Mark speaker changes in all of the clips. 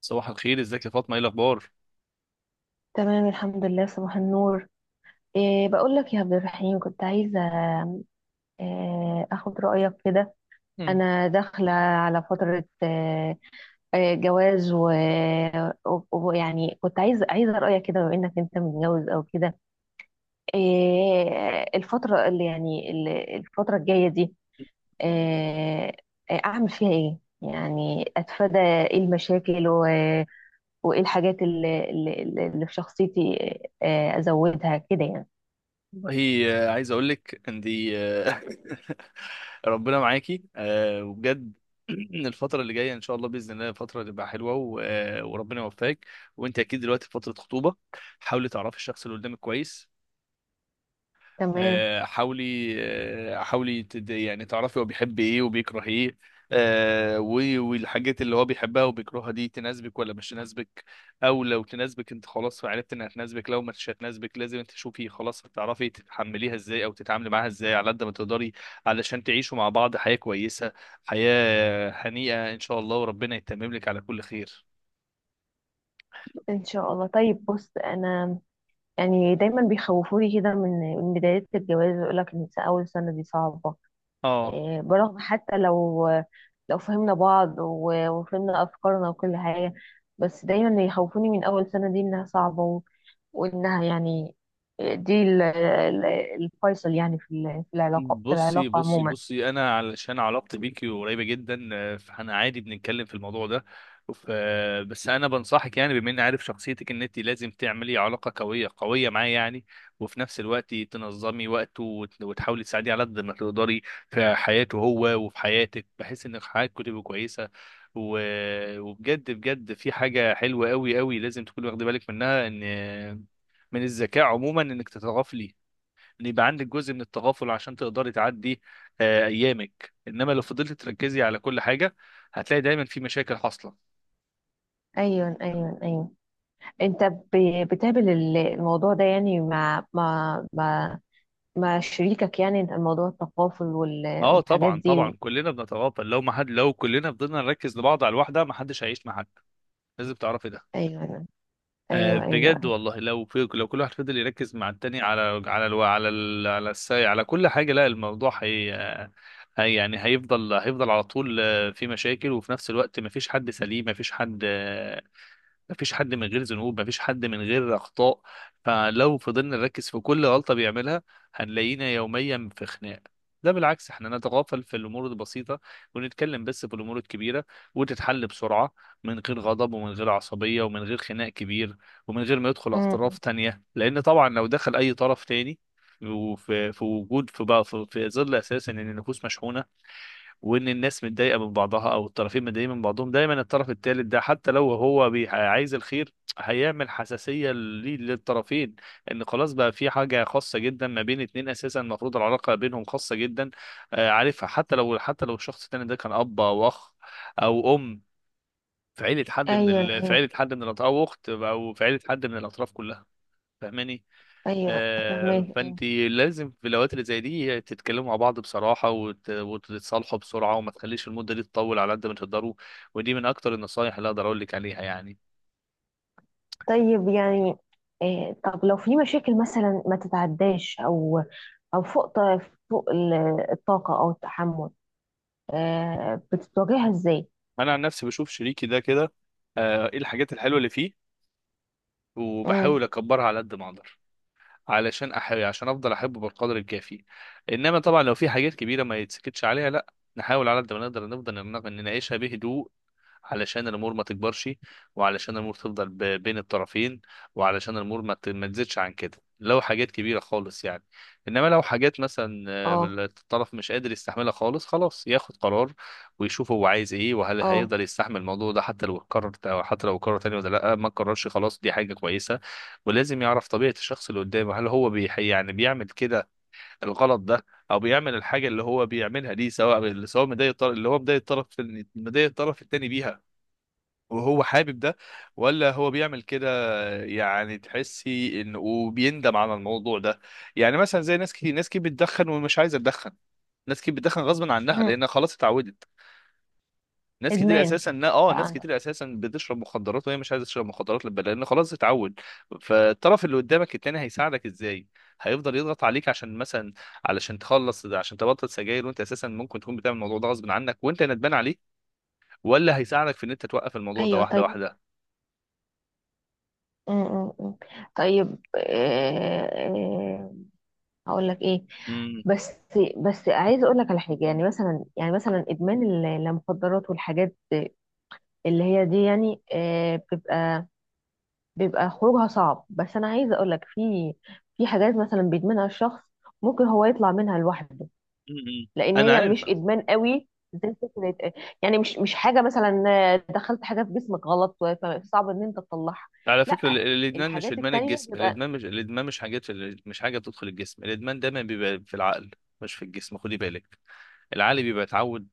Speaker 1: صباح الخير، ازيك يا فاطمه؟ ايه الاخبار؟
Speaker 2: تمام الحمد لله، صباح النور. بقول لك يا عبد الرحيم، كنت عايزة أخد رأيك كده. أنا داخلة على فترة إيه إيه، جواز، ويعني كنت عايزة رأيك كده بما إنك أنت متجوز أو كده. الفترة الفترة الجاية دي إيه إيه، أعمل فيها إيه؟ يعني أتفادى المشاكل وإيه الحاجات اللي في شخصيتي إيه، إيه، أزودها كده يعني.
Speaker 1: والله عايز اقول لك عندي. ربنا معاكي. وبجد. الفتره اللي جايه ان شاء الله باذن الله فتره تبقى حلوه وربنا يوفقك. وانت اكيد دلوقتي في فتره خطوبه، حاولي تعرفي الشخص اللي قدامك كويس.
Speaker 2: تمام.
Speaker 1: حاولي. يعني تعرفي هو بيحب ايه وبيكره ايه. والحاجات اللي هو بيحبها وبيكرهها دي تناسبك ولا مش تناسبك؟ او لو تناسبك انت خلاص، عرفت انها تناسبك. لو مش هتناسبك لازم انت تشوفي، خلاص هتعرفي تتحمليها ازاي او تتعاملي معاها ازاي على قد ما تقدري، علشان تعيشوا مع بعض حياة كويسة، حياة هنيئة ان شاء الله. وربنا يتمم لك على كل خير.
Speaker 2: ان شاء الله. طيب بص، انا يعني دايما بيخوفوني كده من بداية الجواز، ويقول لك ان اول سنة دي صعبة.
Speaker 1: اه،
Speaker 2: برغم حتى لو لو فهمنا بعض وفهمنا افكارنا وكل حاجة، بس دايما يخوفوني من اول سنة دي انها صعبة وانها دي الفيصل يعني في العلاقة، في
Speaker 1: بصي
Speaker 2: العلاقة
Speaker 1: بصي
Speaker 2: عموما.
Speaker 1: بصي، انا علشان علاقتي بيكي قريبه جدا فاحنا عادي بنتكلم في الموضوع ده. بس انا بنصحك يعني، بما اني عارف شخصيتك، ان انت لازم تعملي علاقه قويه قويه معاه يعني. وفي نفس الوقت تنظمي وقته وتحاولي تساعديه على قد ما تقدري في حياته هو وفي حياتك، بحيث ان حياتكم تبقى كويسه. و... وبجد بجد في حاجه حلوه قوي قوي لازم تكوني واخده بالك منها، ان من الذكاء عموما انك تتغافلي، ان يبقى عندك جزء من التغافل عشان تقدري تعدي ايامك. انما لو فضلت تركزي على كل حاجه هتلاقي دايما في مشاكل حاصله.
Speaker 2: ايوه، ايوه، ايوه. انت بتقابل الموضوع ده يعني مع مع شريكك يعني، الموضوع التقافل
Speaker 1: اه،
Speaker 2: والحاجات
Speaker 1: طبعا
Speaker 2: دي
Speaker 1: طبعا، كلنا بنتغافل. لو ما حد، لو كلنا فضلنا نركز لبعض على الواحده، ما حدش هيعيش مع حد. لازم تعرفي ده.
Speaker 2: ايوه، ايوه، ايوه،
Speaker 1: بجد
Speaker 2: ايوه.
Speaker 1: والله، لو كل واحد فضل يركز مع التاني على على الو... على ال... على الساي على كل حاجه، لا. الموضوع هي يعني هيفضل على طول في مشاكل. وفي نفس الوقت مفيش حد سليم، مفيش حد مفيش حد من غير ذنوب، مفيش حد من غير أخطاء. فلو فضلنا نركز في كل غلطة بيعملها هنلاقينا يوميا في خناق. ده بالعكس، احنا نتغافل في الأمور البسيطة ونتكلم بس في الأمور الكبيرة وتتحل بسرعة من غير غضب ومن غير عصبية ومن غير خناق كبير ومن غير ما يدخل أطراف
Speaker 2: أمم.
Speaker 1: تانية. لأن طبعا لو دخل أي طرف تاني وفي في وجود في بقى في, في ظل أساسا إن النفوس مشحونة، وان الناس متضايقه من بعضها او الطرفين متضايقين من بعضهم، دايما الطرف الثالث ده حتى لو هو عايز الخير هيعمل حساسيه للطرفين، ان خلاص بقى في حاجه خاصه جدا ما بين اتنين، اساسا المفروض العلاقه بينهم خاصه جدا. عارفها؟ حتى لو الشخص الثاني ده كان اب او اخ او ام،
Speaker 2: ايوه،
Speaker 1: في
Speaker 2: ايوه،
Speaker 1: عيله حد من الاطراف، او اخت، او في عيله حد من الاطراف كلها. فاهماني؟
Speaker 2: ايوه. فاهمه. أيوة.
Speaker 1: فانت لازم في الاوقات اللي زي دي تتكلموا مع بعض بصراحه وتتصالحوا بسرعه، وما تخليش المده دي تطول على قد ما تقدروا. ودي من اكتر النصايح اللي اقدر اقول لك عليها يعني.
Speaker 2: طيب يعني طب لو في مشاكل مثلا ما تتعداش او او فوق فوق ال- الطاقه او التحمل، بتتواجهها ازاي؟
Speaker 1: انا عن نفسي بشوف شريكي ده كده، ايه الحاجات الحلوه اللي فيه،
Speaker 2: امم
Speaker 1: وبحاول اكبرها على قد ما اقدر، علشان احب عشان افضل احبه بالقدر الكافي. انما طبعا لو في حاجات كبيره ما يتسكتش عليها، لا، نحاول على قد ما نقدر نفضل نناقشها بهدوء، علشان الامور ما تكبرش، وعلشان الامور تفضل بين الطرفين، وعلشان الامور ما تزيدش عن كده. لو حاجات كبيره خالص يعني، انما لو حاجات مثلا
Speaker 2: اه.
Speaker 1: الطرف مش قادر يستحملها خالص، خلاص ياخد قرار ويشوف هو عايز ايه، وهل
Speaker 2: اه.
Speaker 1: هيقدر يستحمل الموضوع ده حتى لو اتكرر، أو حتى لو اتكرر تاني ولا لا ما اتكررش خلاص، دي حاجه كويسه. ولازم يعرف طبيعه الشخص اللي قدامه، هل هو يعني بيعمل كده، الغلط ده، او بيعمل الحاجه اللي هو بيعملها دي، سواء مضايق اللي هو مضايق الطرف، مضايق الطرف التاني بيها وهو حابب ده، ولا هو بيعمل كده يعني تحسي انه وبيندم على الموضوع ده. يعني مثلا زي ناس كتير، ناس كتير بتدخن ومش عايزه تدخن، ناس كتير بتدخن غصب عنها
Speaker 2: أمم.
Speaker 1: لان خلاص اتعودت. ناس كتير
Speaker 2: ادمان
Speaker 1: اساسا،
Speaker 2: بقى
Speaker 1: ناس
Speaker 2: عندك.
Speaker 1: كتير اساسا بتشرب مخدرات وهي مش عايزه تشرب مخدرات لان خلاص اتعود. فالطرف اللي قدامك التاني هيساعدك ازاي؟ هيفضل يضغط عليك، عشان مثلا علشان تخلص، عشان تبطل سجاير، وانت اساسا ممكن تكون بتعمل الموضوع ده غصب عنك وانت ندمان عليه؟ ولا هيساعدك في ان انت توقف الموضوع ده؟
Speaker 2: ايوه
Speaker 1: واحده
Speaker 2: طيب. أمم، أمم، أمم. طيب هقول لك ايه.
Speaker 1: واحده.
Speaker 2: بس بس عايزه اقول لك على حاجه، يعني مثلا يعني مثلا ادمان المخدرات والحاجات اللي هي دي يعني، بيبقى خروجها صعب، بس انا عايزه اقول لك في في حاجات مثلا بيدمنها الشخص ممكن هو يطلع منها لوحده،
Speaker 1: م-م.
Speaker 2: لان
Speaker 1: انا
Speaker 2: هي
Speaker 1: عارف.
Speaker 2: مش ادمان قوي زي فكره. يعني مش حاجه مثلا دخلت حاجه في جسمك غلط فصعب ان انت تطلعها.
Speaker 1: على فكره
Speaker 2: لا،
Speaker 1: الادمان مش
Speaker 2: الحاجات
Speaker 1: ادمان
Speaker 2: التانية
Speaker 1: الجسم،
Speaker 2: بيبقى.
Speaker 1: الادمان مش حاجات، مش حاجه بتدخل الجسم. الادمان دايما بيبقى في العقل مش في الجسم، خدي بالك. العقل بيبقى اتعود،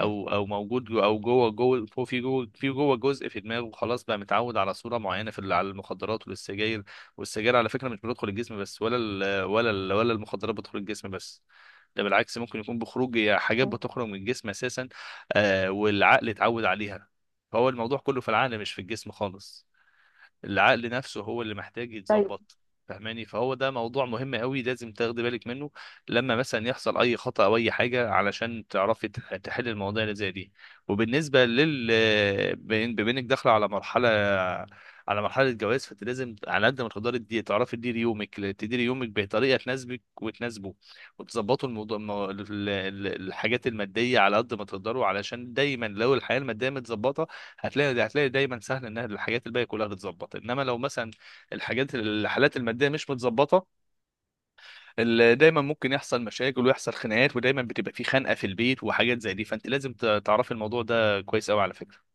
Speaker 1: او موجود جو- او جوه، جوه فوق في جوه في جوه جزء في دماغه، خلاص بقى متعود على صوره معينه على المخدرات والسجاير. والسجاير على فكره مش بتدخل الجسم بس، ولا المخدرات بتدخل الجسم بس. ده بالعكس ممكن يكون بخروج، يا حاجات بتخرج من الجسم اساسا والعقل اتعود عليها. فهو الموضوع كله في العقل مش في الجسم خالص، العقل نفسه هو اللي محتاج
Speaker 2: طيب.
Speaker 1: يتظبط. فاهماني؟ فهو ده موضوع مهم قوي لازم تاخدي بالك منه لما مثلا يحصل اي خطأ او اي حاجه، علشان تعرفي تحل المواضيع اللي زي دي. بما انك داخله على مرحله، على مرحله جواز، فانت لازم على قد ما تقدري تعرفي تديري يومك بطريقه تناسبك وتناسبه. وتظبطوا الموضوع، الحاجات الماديه على قد ما تقدروا، علشان دايما لو الحياه الماديه متظبطه هتلاقي دايما سهل ان الحاجات الباقيه كلها تتظبط. انما لو مثلا الحالات الماديه مش متظبطه، دايما ممكن يحصل مشاكل ويحصل خناقات ودايما بتبقى في خنقه في البيت وحاجات زي دي. فانت لازم تعرفي الموضوع ده كويس قوي على فكره.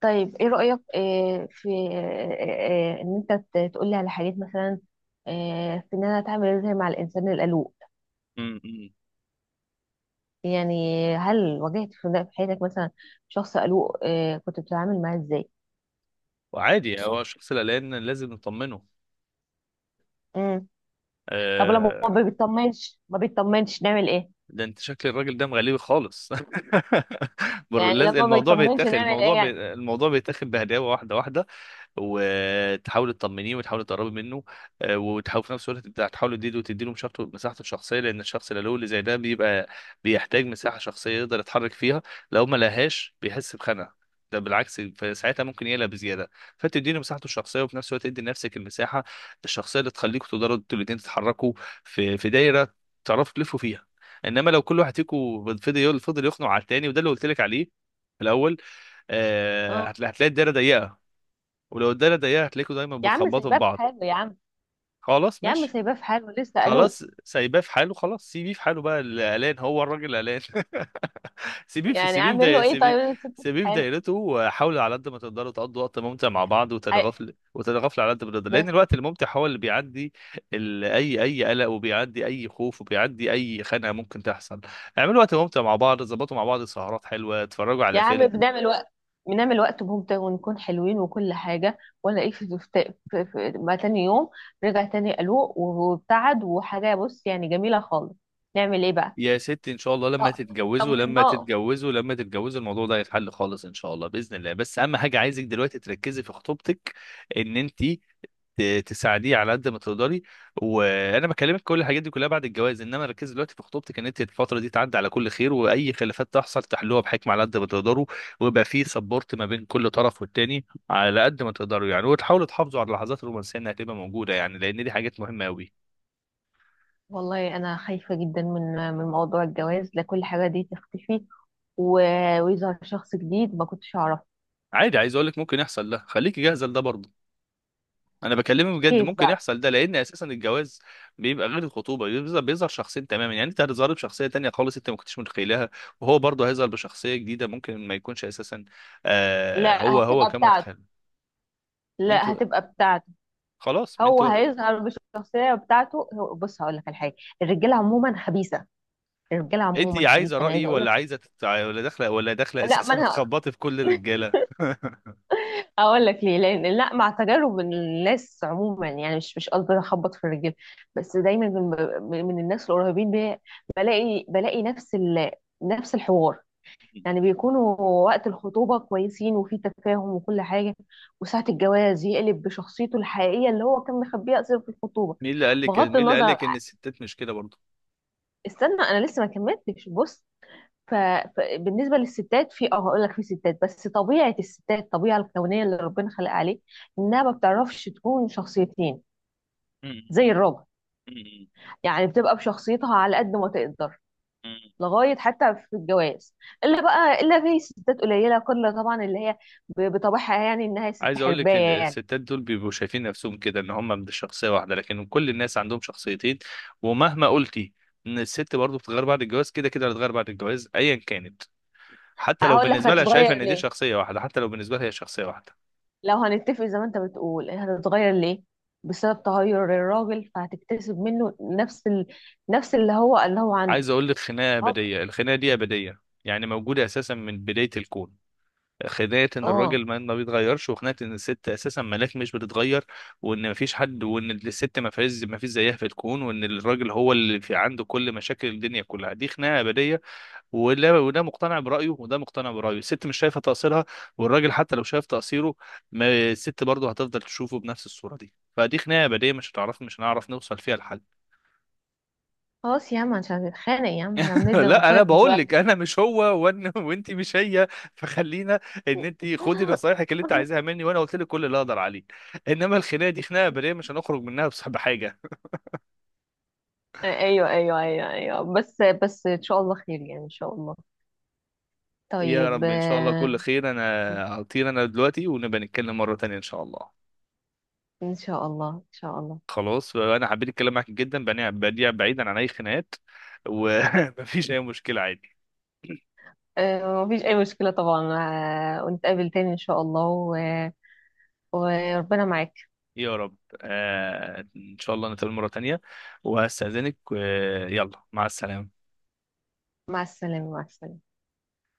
Speaker 2: طيب ايه رأيك في ان انت تقولي على حاجات مثلا في ان انا اتعامل ازاي مع الانسان القلوق.
Speaker 1: امم
Speaker 2: يعني هل واجهت في في حياتك مثلا شخص قلوق كنت بتتعامل معاه ازاي؟
Speaker 1: وعادي، هو الشخص القلقان لازم نطمنه.
Speaker 2: امم طب لما هو ما
Speaker 1: آه.
Speaker 2: بيطمنش ما بيطمنش نعمل ايه؟
Speaker 1: ده انت شكل الراجل ده مغلي خالص.
Speaker 2: يعني لما ما
Speaker 1: الموضوع
Speaker 2: بيطمنش
Speaker 1: بيتاخد،
Speaker 2: نعمل ايه يعني؟
Speaker 1: الموضوع بيتاخد بهداوه، واحده واحده. وتحاولي تطمنيه وتحاولي تقربي منه، وتحاولي في نفس الوقت تحاولي تديله مساحته الشخصيه، لان الشخص اللي له اللي زي ده بيبقى بيحتاج مساحه شخصيه يقدر يتحرك فيها. لو ما لهاش بيحس بخنقه، ده بالعكس، فساعتها ممكن يقلق بزياده. فتديله مساحته الشخصيه وفي نفس الوقت تدي لنفسك المساحه الشخصيه اللي تخليكوا تقدروا انتوا الاثنين تتحركوا في دايره تعرفوا تلفوا فيها. انما لو كل واحد فيكم فضل يخنق على التاني، وده اللي قلت لك عليه في الاول،
Speaker 2: اه.
Speaker 1: هتلاقي الدايره ضيقه. ولو الدايره ضيقه هتلاقيكوا دايما
Speaker 2: يا عم
Speaker 1: بتخبطوا في
Speaker 2: سايباه في
Speaker 1: بعض.
Speaker 2: حاله يا عم.
Speaker 1: خلاص
Speaker 2: يا عم
Speaker 1: ماشي.
Speaker 2: سايباه في حاله لسه قلوق.
Speaker 1: خلاص سايباه في حاله، خلاص سيبيه في حاله بقى، اللي قلقان هو الراجل قلقان. سيبيه في
Speaker 2: يعني
Speaker 1: سيبيه في
Speaker 2: اعمل له
Speaker 1: داي...
Speaker 2: ايه
Speaker 1: سيبيه
Speaker 2: طيب لسه في
Speaker 1: سيبيه في
Speaker 2: حاله؟
Speaker 1: دايرته، وحاولوا على قد ما تقدروا تقضوا وقت ممتع مع بعض. وتتغافل وتتغافل على قد ما تقدر،
Speaker 2: هي-
Speaker 1: لان الوقت الممتع هو اللي بيعدي اي اي قلق، وبيعدي اي خوف، وبيعدي اي خناقه ممكن تحصل. اعملوا وقت ممتع مع بعض، ظبطوا مع بعض سهرات حلوه، اتفرجوا
Speaker 2: يا
Speaker 1: على
Speaker 2: عم
Speaker 1: فيلم.
Speaker 2: بنعمل وقت ممتع ونكون حلوين وكل حاجة، ولا ايه؟ في, في, في ما تاني يوم رجع تاني قلوق وابتعد وحاجة، بص يعني جميلة خالص، نعمل ايه بقى؟
Speaker 1: يا ست، ان شاء الله لما
Speaker 2: آه،
Speaker 1: تتجوزوا،
Speaker 2: طمناه.
Speaker 1: الموضوع ده هيتحل خالص ان شاء الله باذن الله. بس اهم حاجه، عايزك دلوقتي تركزي في خطوبتك، ان انت تساعديه على قد ما تقدري. وانا بكلمك كل الحاجات دي كلها بعد الجواز، انما ركزي دلوقتي في خطوبتك، ان انت الفتره دي تعدي على كل خير، واي خلافات تحصل تحلوها بحكمه على قد ما تقدروا، ويبقى في سبورت ما بين كل طرف والتاني على قد ما تقدروا يعني، وتحاولوا تحافظوا على اللحظات الرومانسيه انها تبقى موجوده يعني، لان دي حاجات مهمه قوي.
Speaker 2: والله انا خايفة جدا من موضوع الجواز، لكل حاجة دي تختفي ويظهر شخص جديد ما كنتش اعرفه.
Speaker 1: عادي، عايز اقول لك ممكن يحصل ده، خليكي جاهزه لده برضه. انا بكلمك بجد
Speaker 2: كيف
Speaker 1: ممكن
Speaker 2: بقى؟
Speaker 1: يحصل ده، لان اساسا الجواز بيبقى غير الخطوبه، بيظهر شخصين تماما، يعني انت هتظهر بشخصيه تانية خالص انت ما كنتش متخيلها، وهو برضه هيظهر بشخصيه جديده ممكن ما يكونش اساسا
Speaker 2: لا
Speaker 1: هو
Speaker 2: هتبقى
Speaker 1: كان
Speaker 2: بتاعته
Speaker 1: متخيل.
Speaker 2: لا
Speaker 1: انتوا
Speaker 2: هتبقى بتاعته،
Speaker 1: خلاص، ما
Speaker 2: هو
Speaker 1: انتوا.
Speaker 2: هيظهر بالشخصية بتاعته بص هقول لك على حاجة، الرجالة عموما خبيثة. الرجاله
Speaker 1: انت
Speaker 2: عموما خبيثه،
Speaker 1: عايزه
Speaker 2: انا
Speaker 1: رايي
Speaker 2: عايزه اقول
Speaker 1: ولا
Speaker 2: لك.
Speaker 1: عايزه تت- ولا داخله ولا داخله
Speaker 2: لا ما
Speaker 1: اساسا
Speaker 2: انا
Speaker 1: تخبطي في كل الرجاله؟
Speaker 2: هقول لك ليه، لان لا مع تجارب الناس عموما، يعني مش مش قصدي اخبط في الرجاله، بس دايما من الناس القريبين بي، بلاقي نفس الحوار. يعني بيكونوا وقت الخطوبه كويسين وفي تفاهم وكل حاجه، وساعه الجواز يقلب بشخصيته الحقيقيه اللي هو كان مخبيها اصلا في الخطوبه. بغض
Speaker 1: مين اللي
Speaker 2: النظر
Speaker 1: قال لك ان
Speaker 2: عن-
Speaker 1: الستات مش كده برضه؟
Speaker 2: استنى انا لسه ما كملتش، بص. فبالنسبه للستات في اه، هقول لك في ستات بس طبيعه الستات الطبيعه الكونيه اللي ربنا خلقها عليه انها ما بتعرفش تكون شخصيتين زي الراجل. يعني بتبقى بشخصيتها على قد ما تقدر لغايه حتى في الجواز، الا بقى الا في ستات قليله كل، طبعا اللي هي بطبعها يعني انها ست
Speaker 1: عايز اقول لك إن
Speaker 2: حربايه يعني.
Speaker 1: الستات دول بيبقوا شايفين نفسهم كده، ان هم من شخصيه واحده، لكن كل الناس عندهم شخصيتين. ومهما قلتي ان الست برضو بتتغير بعد الجواز، كده كده هتتغير بعد الجواز ايا كانت، حتى لو
Speaker 2: هقول لك
Speaker 1: بالنسبه لها شايفه
Speaker 2: هتتغير
Speaker 1: ان دي
Speaker 2: ليه،
Speaker 1: شخصيه واحده، حتى لو بالنسبه لها هي شخصيه واحده.
Speaker 2: لو هنتفق زي ما انت بتقول هتتغير ليه، بسبب تغير الراجل فهتكتسب منه نفس اللي هو عنده.
Speaker 1: عايز اقول لك خناقه
Speaker 2: اه.
Speaker 1: ابديه، الخناقه دي ابديه يعني موجوده اساسا من بدايه الكون. خناقه ان
Speaker 2: آه.
Speaker 1: الراجل ما بيتغيرش، وخناقه ان الست اساسا ملاك مش بتتغير، وان ما فيش حد، وان الست ما فيش زيها في الكون، وان الراجل هو اللي في عنده كل مشاكل الدنيا كلها، دي خناقه ابديه. ولا، وده مقتنع برايه وده مقتنع برايه، الست مش شايفه تقصيرها، والراجل حتى لو شايف تقصيره ما، الست برضه هتفضل تشوفه بنفس الصوره دي. فدي خناقه ابديه، مش هتعرف، مش هنعرف نوصل فيها لحل.
Speaker 2: خلاص يا عم عشان نتخانق يا عم، احنا بندي
Speaker 1: لا انا
Speaker 2: نصايح
Speaker 1: بقول لك
Speaker 2: دلوقتي.
Speaker 1: انا مش هو، وان وانت مش هي، فخلينا. ان انت خدي نصايحك اللي انت عايزاها مني، وانا قلت لك كل اللي اقدر عليه، انما الخناقه دي خناقه بريه مش هنخرج منها بس بحاجه.
Speaker 2: ايوه، ايوه، ايوه، ايوه، بس ان شاء الله خير يعني ان شاء الله.
Speaker 1: يا
Speaker 2: طيب
Speaker 1: رب، ان شاء الله كل خير. انا هطير انا دلوقتي، ونبقى نتكلم مره تانية ان شاء الله.
Speaker 2: ان شاء الله، ان شاء الله.
Speaker 1: خلاص، انا حبيت الكلام معاك جدا، بديع بعيدا عن اي خناقات، ومفيش اي مشكله، عادي.
Speaker 2: مفيش اي مشكلة طبعا. ونتقابل تاني ان شاء الله وربنا معاك.
Speaker 1: يا رب، آه، ان شاء الله نتقابل مره تانية. وهستاذنك، آه، يلا مع السلامه.
Speaker 2: مع السلامة، مع السلامة.